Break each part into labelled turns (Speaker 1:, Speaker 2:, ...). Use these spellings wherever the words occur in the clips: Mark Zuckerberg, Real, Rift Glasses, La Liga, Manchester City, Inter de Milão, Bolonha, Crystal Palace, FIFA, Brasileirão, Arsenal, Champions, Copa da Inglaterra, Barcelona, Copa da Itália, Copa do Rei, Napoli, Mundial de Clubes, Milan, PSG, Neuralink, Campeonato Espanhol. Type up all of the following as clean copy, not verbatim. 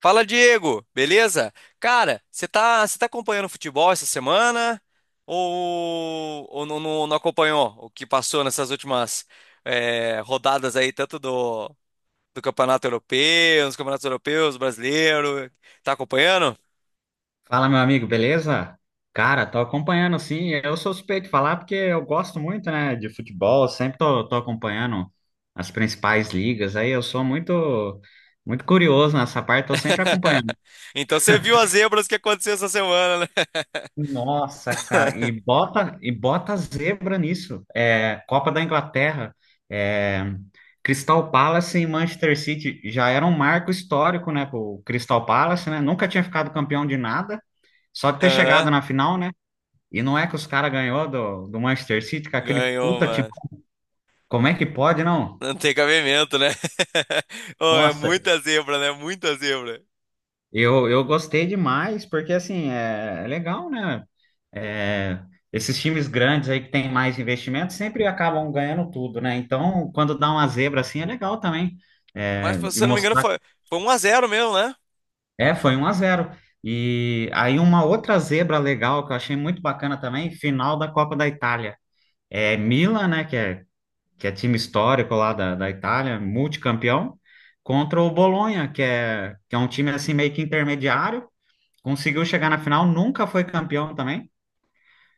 Speaker 1: Fala, Diego, beleza? Cara, você tá acompanhando futebol essa semana? Ou não acompanhou o que passou nessas últimas rodadas aí, tanto do Campeonato Europeu, dos Campeonatos Europeus, brasileiro? Tá acompanhando?
Speaker 2: Fala, meu amigo, beleza? Cara, tô acompanhando sim. Eu sou suspeito de falar porque eu gosto muito, né, de futebol, sempre tô acompanhando as principais ligas. Aí eu sou muito muito curioso nessa parte, tô sempre acompanhando.
Speaker 1: Então você viu as zebras que aconteceu essa semana, né?
Speaker 2: Nossa, cara, e bota zebra nisso. É, Copa da Inglaterra, é, Crystal Palace e Manchester City já era um marco histórico, né, pro Crystal Palace, né? Nunca tinha ficado campeão de nada, só de ter
Speaker 1: Aham,
Speaker 2: chegado na final, né? E não é que os caras ganhou do Manchester City, com aquele
Speaker 1: ganhou,
Speaker 2: puta time.
Speaker 1: mano.
Speaker 2: Como é que pode, não?
Speaker 1: Não tem cabimento, né? Oh, é
Speaker 2: Nossa.
Speaker 1: muita zebra, né? Muita zebra.
Speaker 2: Eu gostei demais, porque assim, é legal, né? É, esses times grandes aí que tem mais investimento sempre acabam ganhando tudo, né? Então, quando dá uma zebra assim, é legal também.
Speaker 1: Mas,
Speaker 2: É, e
Speaker 1: se eu não me engano,
Speaker 2: mostrar.
Speaker 1: foi 1-0 mesmo, né?
Speaker 2: É, foi 1 a 0. E aí uma outra zebra legal que eu achei muito bacana também, final da Copa da Itália. É Milan, né? Que é time histórico lá da Itália, multicampeão, contra o Bolonha, que é um time assim meio que intermediário, conseguiu chegar na final, nunca foi campeão também.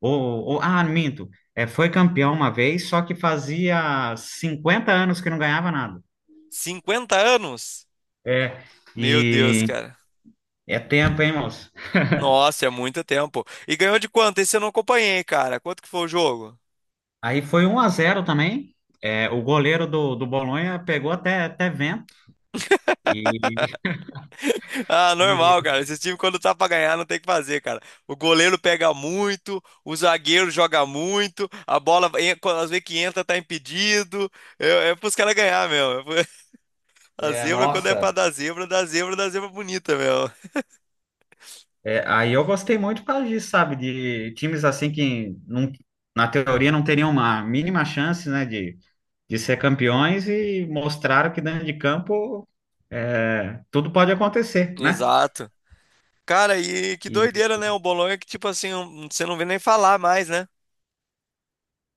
Speaker 2: Ou, ah, minto, foi campeão uma vez, só que fazia 50 anos que não ganhava nada.
Speaker 1: 50 anos?
Speaker 2: É,
Speaker 1: Meu Deus,
Speaker 2: e
Speaker 1: cara.
Speaker 2: é tempo, hein, moço?
Speaker 1: Nossa, é muito tempo. E ganhou de quanto? Esse eu não acompanhei, cara. Quanto que foi o jogo?
Speaker 2: Aí foi 1 a 0 também. É, o goleiro do Bolonha pegou até vento. E,
Speaker 1: Ah, normal,
Speaker 2: e-
Speaker 1: cara. Esse time, quando tá pra ganhar, não tem o que fazer, cara. O goleiro pega muito, o zagueiro joga muito, a bola, quando às vezes que entra, tá impedido. É pros caras ganhar, meu. A zebra, quando é
Speaker 2: Nossa.
Speaker 1: pra dar zebra, dá zebra, dá zebra bonita, meu.
Speaker 2: É, aí eu gostei muito por causa disso, sabe? De times assim que, não, na teoria, não teriam uma mínima chance, né, de ser campeões e mostraram que dentro de campo tudo pode acontecer, né?
Speaker 1: Exato. Cara, e que
Speaker 2: E
Speaker 1: doideira, né? O Bolonha que, tipo assim, um, você não vê nem falar mais, né?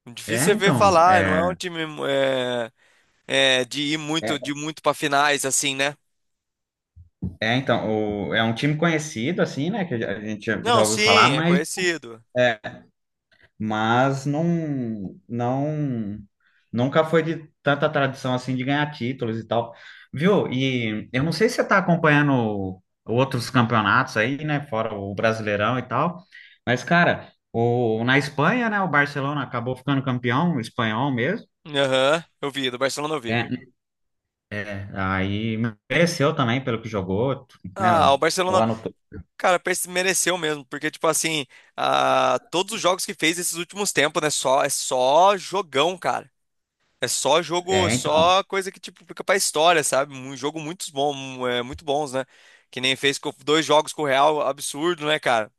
Speaker 1: Difícil você ver
Speaker 2: então,
Speaker 1: falar, não é um time é, é de ir muito
Speaker 2: é
Speaker 1: de muito para finais assim, né?
Speaker 2: então, é um time conhecido, assim, né, que a gente já
Speaker 1: Não,
Speaker 2: ouviu falar,
Speaker 1: sim, é
Speaker 2: mas.
Speaker 1: conhecido.
Speaker 2: é, mas não, não, nunca foi de tanta tradição assim de ganhar títulos e tal, viu? E eu não sei se você está acompanhando outros campeonatos aí, né, fora o Brasileirão e tal, mas cara, o, na Espanha, né, o Barcelona acabou ficando campeão espanhol mesmo.
Speaker 1: Aham, eu vi, do Barcelona eu vi.
Speaker 2: É, é, aí mereceu também pelo que jogou, né?
Speaker 1: Ah, o
Speaker 2: O
Speaker 1: Barcelona,
Speaker 2: ano, to-
Speaker 1: cara, parece que mereceu mesmo, porque tipo assim, ah, todos os jogos que fez esses últimos tempos, né, só é só jogão, cara. É só jogo,
Speaker 2: é, então,
Speaker 1: só coisa que tipo fica pra história, sabe? Um jogo muito bom, muito bons, né? Que nem fez com dois jogos com o Real, absurdo, né, cara?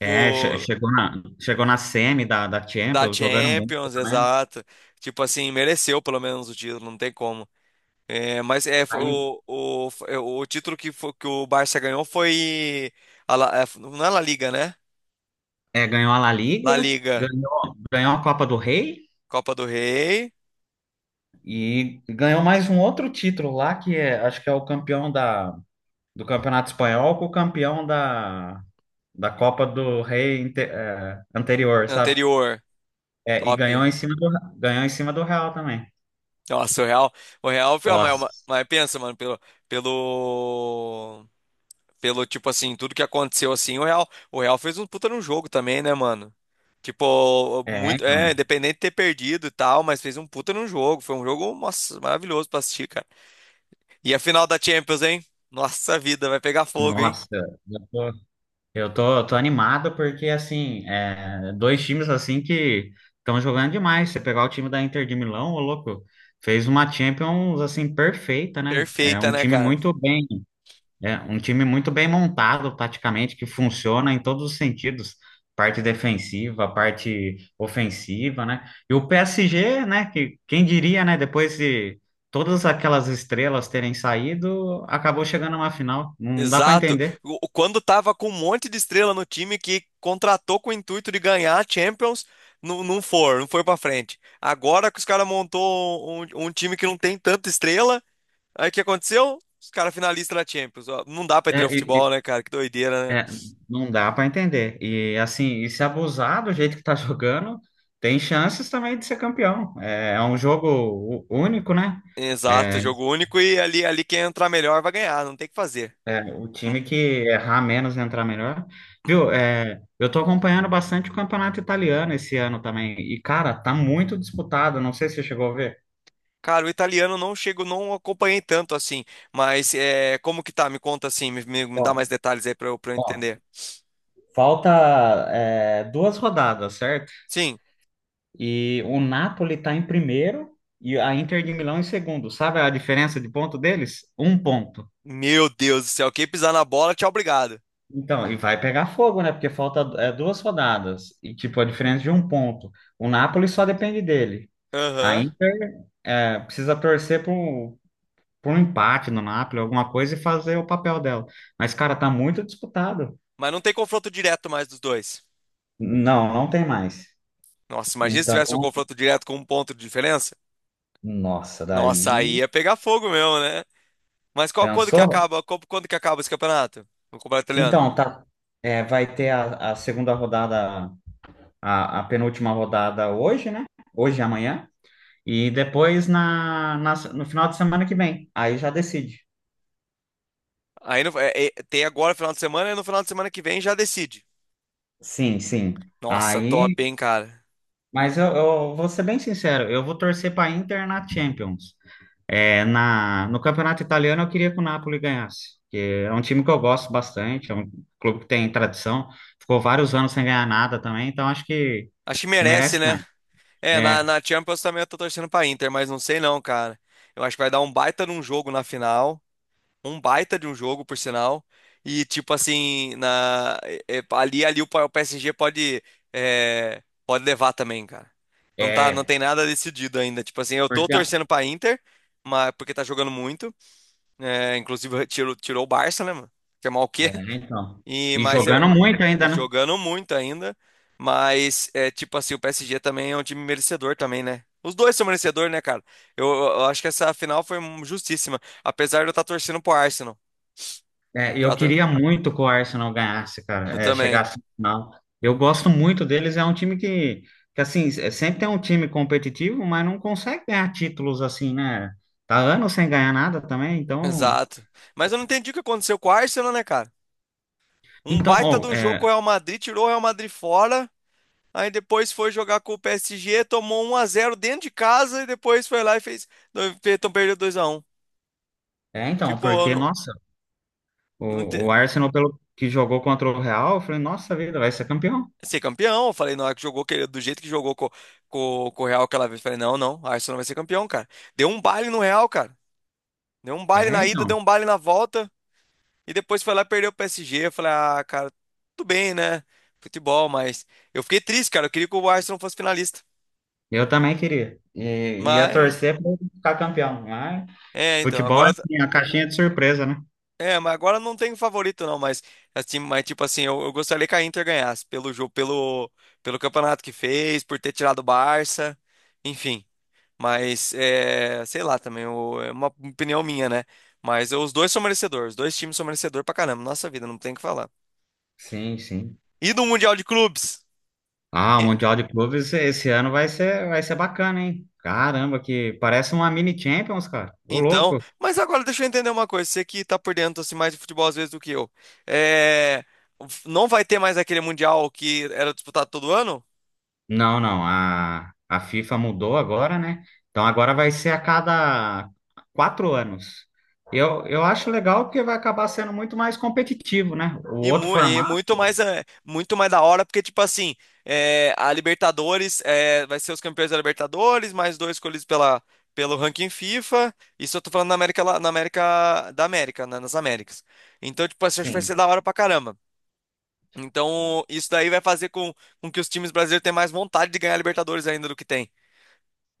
Speaker 2: é, che- Chegou na semi da
Speaker 1: da
Speaker 2: Champions, jogando muito,
Speaker 1: Champions,
Speaker 2: né?
Speaker 1: exato. Tipo assim, mereceu pelo menos o título, não tem como. É, mas foi o título que o Barça ganhou foi a não é La Liga, né?
Speaker 2: É, ganhou a La
Speaker 1: La
Speaker 2: Liga,
Speaker 1: Liga,
Speaker 2: ganhou a Copa do Rei
Speaker 1: Copa do Rei,
Speaker 2: e ganhou mais um outro título lá, acho que é o campeão da, do Campeonato Espanhol com o campeão da Copa do Rei anterior, sabe?
Speaker 1: anterior,
Speaker 2: É, e
Speaker 1: top.
Speaker 2: ganhou em cima do Real também.
Speaker 1: Nossa, o Real foi a maior,
Speaker 2: Nossa.
Speaker 1: mas pensa, mano, pelo Pelo, tipo assim, tudo que aconteceu assim, o Real fez um puta num jogo também, né, mano? Tipo, muito,
Speaker 2: Então,
Speaker 1: independente de ter perdido e tal, mas fez um puta num jogo. Foi um jogo, nossa, maravilhoso pra assistir, cara. E a final da Champions, hein? Nossa vida, vai pegar fogo, hein?
Speaker 2: nossa. Eu tô animado porque, assim, dois times, assim, que estão jogando demais. Você pegar o time da Inter de Milão, ô louco, fez uma Champions, assim, perfeita, né? É
Speaker 1: Perfeita,
Speaker 2: um
Speaker 1: né,
Speaker 2: time
Speaker 1: cara?
Speaker 2: muito bem, é um time muito bem montado, taticamente, que funciona em todos os sentidos. Parte defensiva, parte ofensiva, né? E o PSG, né, que quem diria, né, depois de todas aquelas estrelas terem saído, acabou chegando a uma final. Não dá para
Speaker 1: Exato.
Speaker 2: entender.
Speaker 1: Quando tava com um monte de estrela no time que contratou com o intuito de ganhar a Champions, não, não foi pra frente. Agora que os caras montou um, um time que não tem tanta estrela, aí o que aconteceu? Os caras finalistas da Champions. Ó, não dá pra
Speaker 2: É,
Speaker 1: entender o futebol, né, cara? Que doideira, né?
Speaker 2: é, não dá para entender. E assim, e se abusar do jeito que tá jogando, tem chances também de ser campeão. É, é um jogo único, né?
Speaker 1: Exato,
Speaker 2: É,
Speaker 1: jogo único e ali, quem entrar melhor vai ganhar, não tem o que fazer.
Speaker 2: o
Speaker 1: Hum.
Speaker 2: time que errar menos entrar melhor. Viu? É, eu tô acompanhando bastante o campeonato italiano esse ano também. E, cara, tá muito disputado. Não sei se você chegou a ver.
Speaker 1: Cara, o italiano não chego, não acompanhei tanto assim, mas é, como que tá? Me conta assim, me, me dá mais
Speaker 2: Ó,
Speaker 1: detalhes aí pra eu
Speaker 2: ó,
Speaker 1: entender.
Speaker 2: Falta, 2 rodadas, certo?
Speaker 1: Sim,
Speaker 2: E o Napoli está em primeiro e a Inter de Milão em segundo. Sabe a diferença de ponto deles? 1 ponto.
Speaker 1: meu Deus do céu, quem pisar na bola, tchau, obrigado.
Speaker 2: Então, e vai pegar fogo, né? Porque falta 2 rodadas. E, tipo, a diferença de 1 ponto. O Napoli só depende dele. A
Speaker 1: Aham.
Speaker 2: Inter precisa torcer por um empate no Napoli, alguma coisa, e fazer o papel dela. Mas, cara, tá muito disputado.
Speaker 1: Mas não tem confronto direto mais dos dois.
Speaker 2: Não, não tem mais.
Speaker 1: Nossa, imagina se tivesse um
Speaker 2: Então,
Speaker 1: confronto direto com um ponto de diferença.
Speaker 2: nossa,
Speaker 1: Nossa, aí
Speaker 2: daí.
Speaker 1: ia pegar fogo mesmo, né? Mas
Speaker 2: Pensou?
Speaker 1: quando que acaba esse campeonato? O campeonato italiano?
Speaker 2: Então, tá. Vai ter a segunda rodada, a penúltima rodada hoje, né? Hoje e amanhã. E depois no final de semana que vem. Aí já decide.
Speaker 1: Aí, tem agora final de semana e no final de semana que vem já decide.
Speaker 2: Sim, sim.
Speaker 1: Nossa,
Speaker 2: Aí,
Speaker 1: top, hein, cara.
Speaker 2: mas eu vou ser bem sincero, eu vou torcer para Inter na Champions. É, no campeonato italiano eu queria que o Napoli ganhasse, porque é um time que eu gosto bastante, é um clube que tem tradição, ficou vários anos sem ganhar nada também, então acho que,
Speaker 1: Acho que
Speaker 2: que
Speaker 1: merece,
Speaker 2: merece
Speaker 1: né?
Speaker 2: ganhar.
Speaker 1: É, na,
Speaker 2: É,
Speaker 1: na Champions também eu tô torcendo pra Inter, mas não sei não, cara. Eu acho que vai dar um baita de um jogo na final. Um baita de um jogo, por sinal. E tipo assim, ali o o PSG pode, pode levar também, cara. Não tá, não
Speaker 2: é,
Speaker 1: tem nada decidido ainda. Tipo assim, eu tô
Speaker 2: porque
Speaker 1: torcendo pra Inter, mas, porque tá jogando muito. É, inclusive tirou o Barça, né, mano? Que é mal o quê?
Speaker 2: então.
Speaker 1: E,
Speaker 2: E
Speaker 1: mas
Speaker 2: jogando
Speaker 1: eu
Speaker 2: muito ainda, né?
Speaker 1: jogando muito ainda. Mas é tipo assim, o PSG também é um time merecedor também, né? Os dois são merecedores, né, cara? Eu acho que essa final foi justíssima. Apesar de eu estar torcendo pro Arsenal. Eu
Speaker 2: É, eu
Speaker 1: tá tor-
Speaker 2: queria muito que o Arsenal ganhasse, cara,
Speaker 1: eu também.
Speaker 2: chegasse no final. Eu gosto muito deles, é um time que assim, sempre é um time competitivo, mas não consegue ganhar títulos assim, né? Tá anos sem ganhar nada também, então.
Speaker 1: Exato. Mas eu não entendi o que aconteceu com o Arsenal, né, cara? Um
Speaker 2: Então,
Speaker 1: baita de
Speaker 2: oh,
Speaker 1: um jogo com o Real Madrid, tirou o Real Madrid fora. Aí depois foi jogar com o PSG, tomou 1-0 dentro de casa e depois foi lá e fez. Então perdeu 2-1.
Speaker 2: então,
Speaker 1: Tipo, eu
Speaker 2: porque,
Speaker 1: não,
Speaker 2: nossa,
Speaker 1: não
Speaker 2: o,
Speaker 1: ente-
Speaker 2: o Arsenal, pelo que jogou contra o Real, eu falei, nossa vida, vai ser campeão.
Speaker 1: ser campeão. Eu falei, na hora que jogou, do jeito que jogou com, com o Real aquela vez, eu falei, não, não, a Arsenal vai ser campeão, cara. Deu um baile no Real, cara. Deu um baile
Speaker 2: É,
Speaker 1: na ida,
Speaker 2: então,
Speaker 1: deu um baile na volta. E depois foi lá e perdeu o PSG. Eu falei, ah, cara, tudo bem, né? Futebol, mas. Eu fiquei triste, cara. Eu queria que o Arsenal fosse finalista.
Speaker 2: eu também queria. E ia
Speaker 1: Mas.
Speaker 2: torcer para ficar campeão, mas
Speaker 1: É, então,
Speaker 2: futebol é
Speaker 1: agora.
Speaker 2: assim, a caixinha de surpresa, né?
Speaker 1: É, mas agora não tem favorito, não. Mas, assim, tipo assim, eu gostaria que a Inter ganhasse pelo jogo, pelo, campeonato que fez, por ter tirado o Barça. Enfim. Mas, sei lá também, é uma opinião minha, né? Mas os dois são merecedores, os dois times são merecedores pra caramba, nossa vida, não tem o que falar.
Speaker 2: Sim, sim.
Speaker 1: E do Mundial de Clubes?
Speaker 2: Ah, o
Speaker 1: E-
Speaker 2: Mundial de Clubes esse ano vai ser bacana, hein? Caramba, que parece uma mini Champions, cara. Ô,
Speaker 1: Então,
Speaker 2: louco.
Speaker 1: mas agora deixa eu entender uma coisa, você que tá por dentro assim, mais de futebol às vezes do que eu. É, não vai ter mais aquele Mundial que era disputado todo ano?
Speaker 2: Não, não, a FIFA mudou agora, né? Então agora vai ser a cada 4 anos. Eu acho legal porque vai acabar sendo muito mais competitivo, né? O
Speaker 1: E,
Speaker 2: outro
Speaker 1: mu- e
Speaker 2: formato.
Speaker 1: muito mais muito mais da hora, porque, tipo assim, a Libertadores vai ser os campeões da Libertadores, mais dois escolhidos pelo ranking FIFA. Isso eu tô falando na América, na América da América, né, nas Américas. Então, tipo assim, acho que vai ser
Speaker 2: Sim.
Speaker 1: da hora pra caramba. Então, isso daí vai fazer com, que os times brasileiros tenham mais vontade de ganhar a Libertadores ainda do que tem.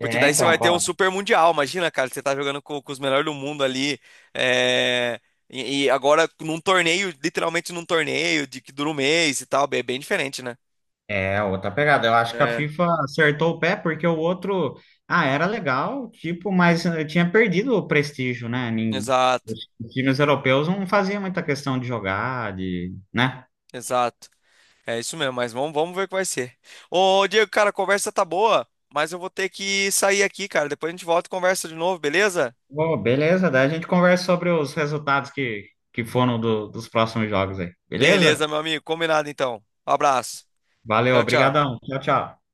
Speaker 1: Porque daí você vai
Speaker 2: então,
Speaker 1: ter um super mundial. Imagina, cara, você tá jogando com os melhores do mundo ali. é, E, agora num torneio, literalmente num torneio de que dura um mês e tal. É bem diferente, né?
Speaker 2: é outra pegada. Eu acho que a
Speaker 1: É.
Speaker 2: FIFA acertou o pé porque o outro, ah, era legal, tipo, mas tinha perdido o prestígio, né?
Speaker 1: Exato,
Speaker 2: Os times europeus não faziam muita questão de jogar, de, né?
Speaker 1: exato. É isso mesmo, mas vamos ver o que vai ser. Ô, Diego, cara, a conversa tá boa, mas eu vou ter que sair aqui, cara. Depois a gente volta e conversa de novo, beleza?
Speaker 2: Ô, beleza, daí a gente conversa sobre os resultados que foram dos próximos jogos aí.
Speaker 1: Beleza,
Speaker 2: Beleza?
Speaker 1: meu amigo. Combinado então. Um abraço.
Speaker 2: Valeu,
Speaker 1: Tchau, tchau.
Speaker 2: obrigadão. Tchau, tchau.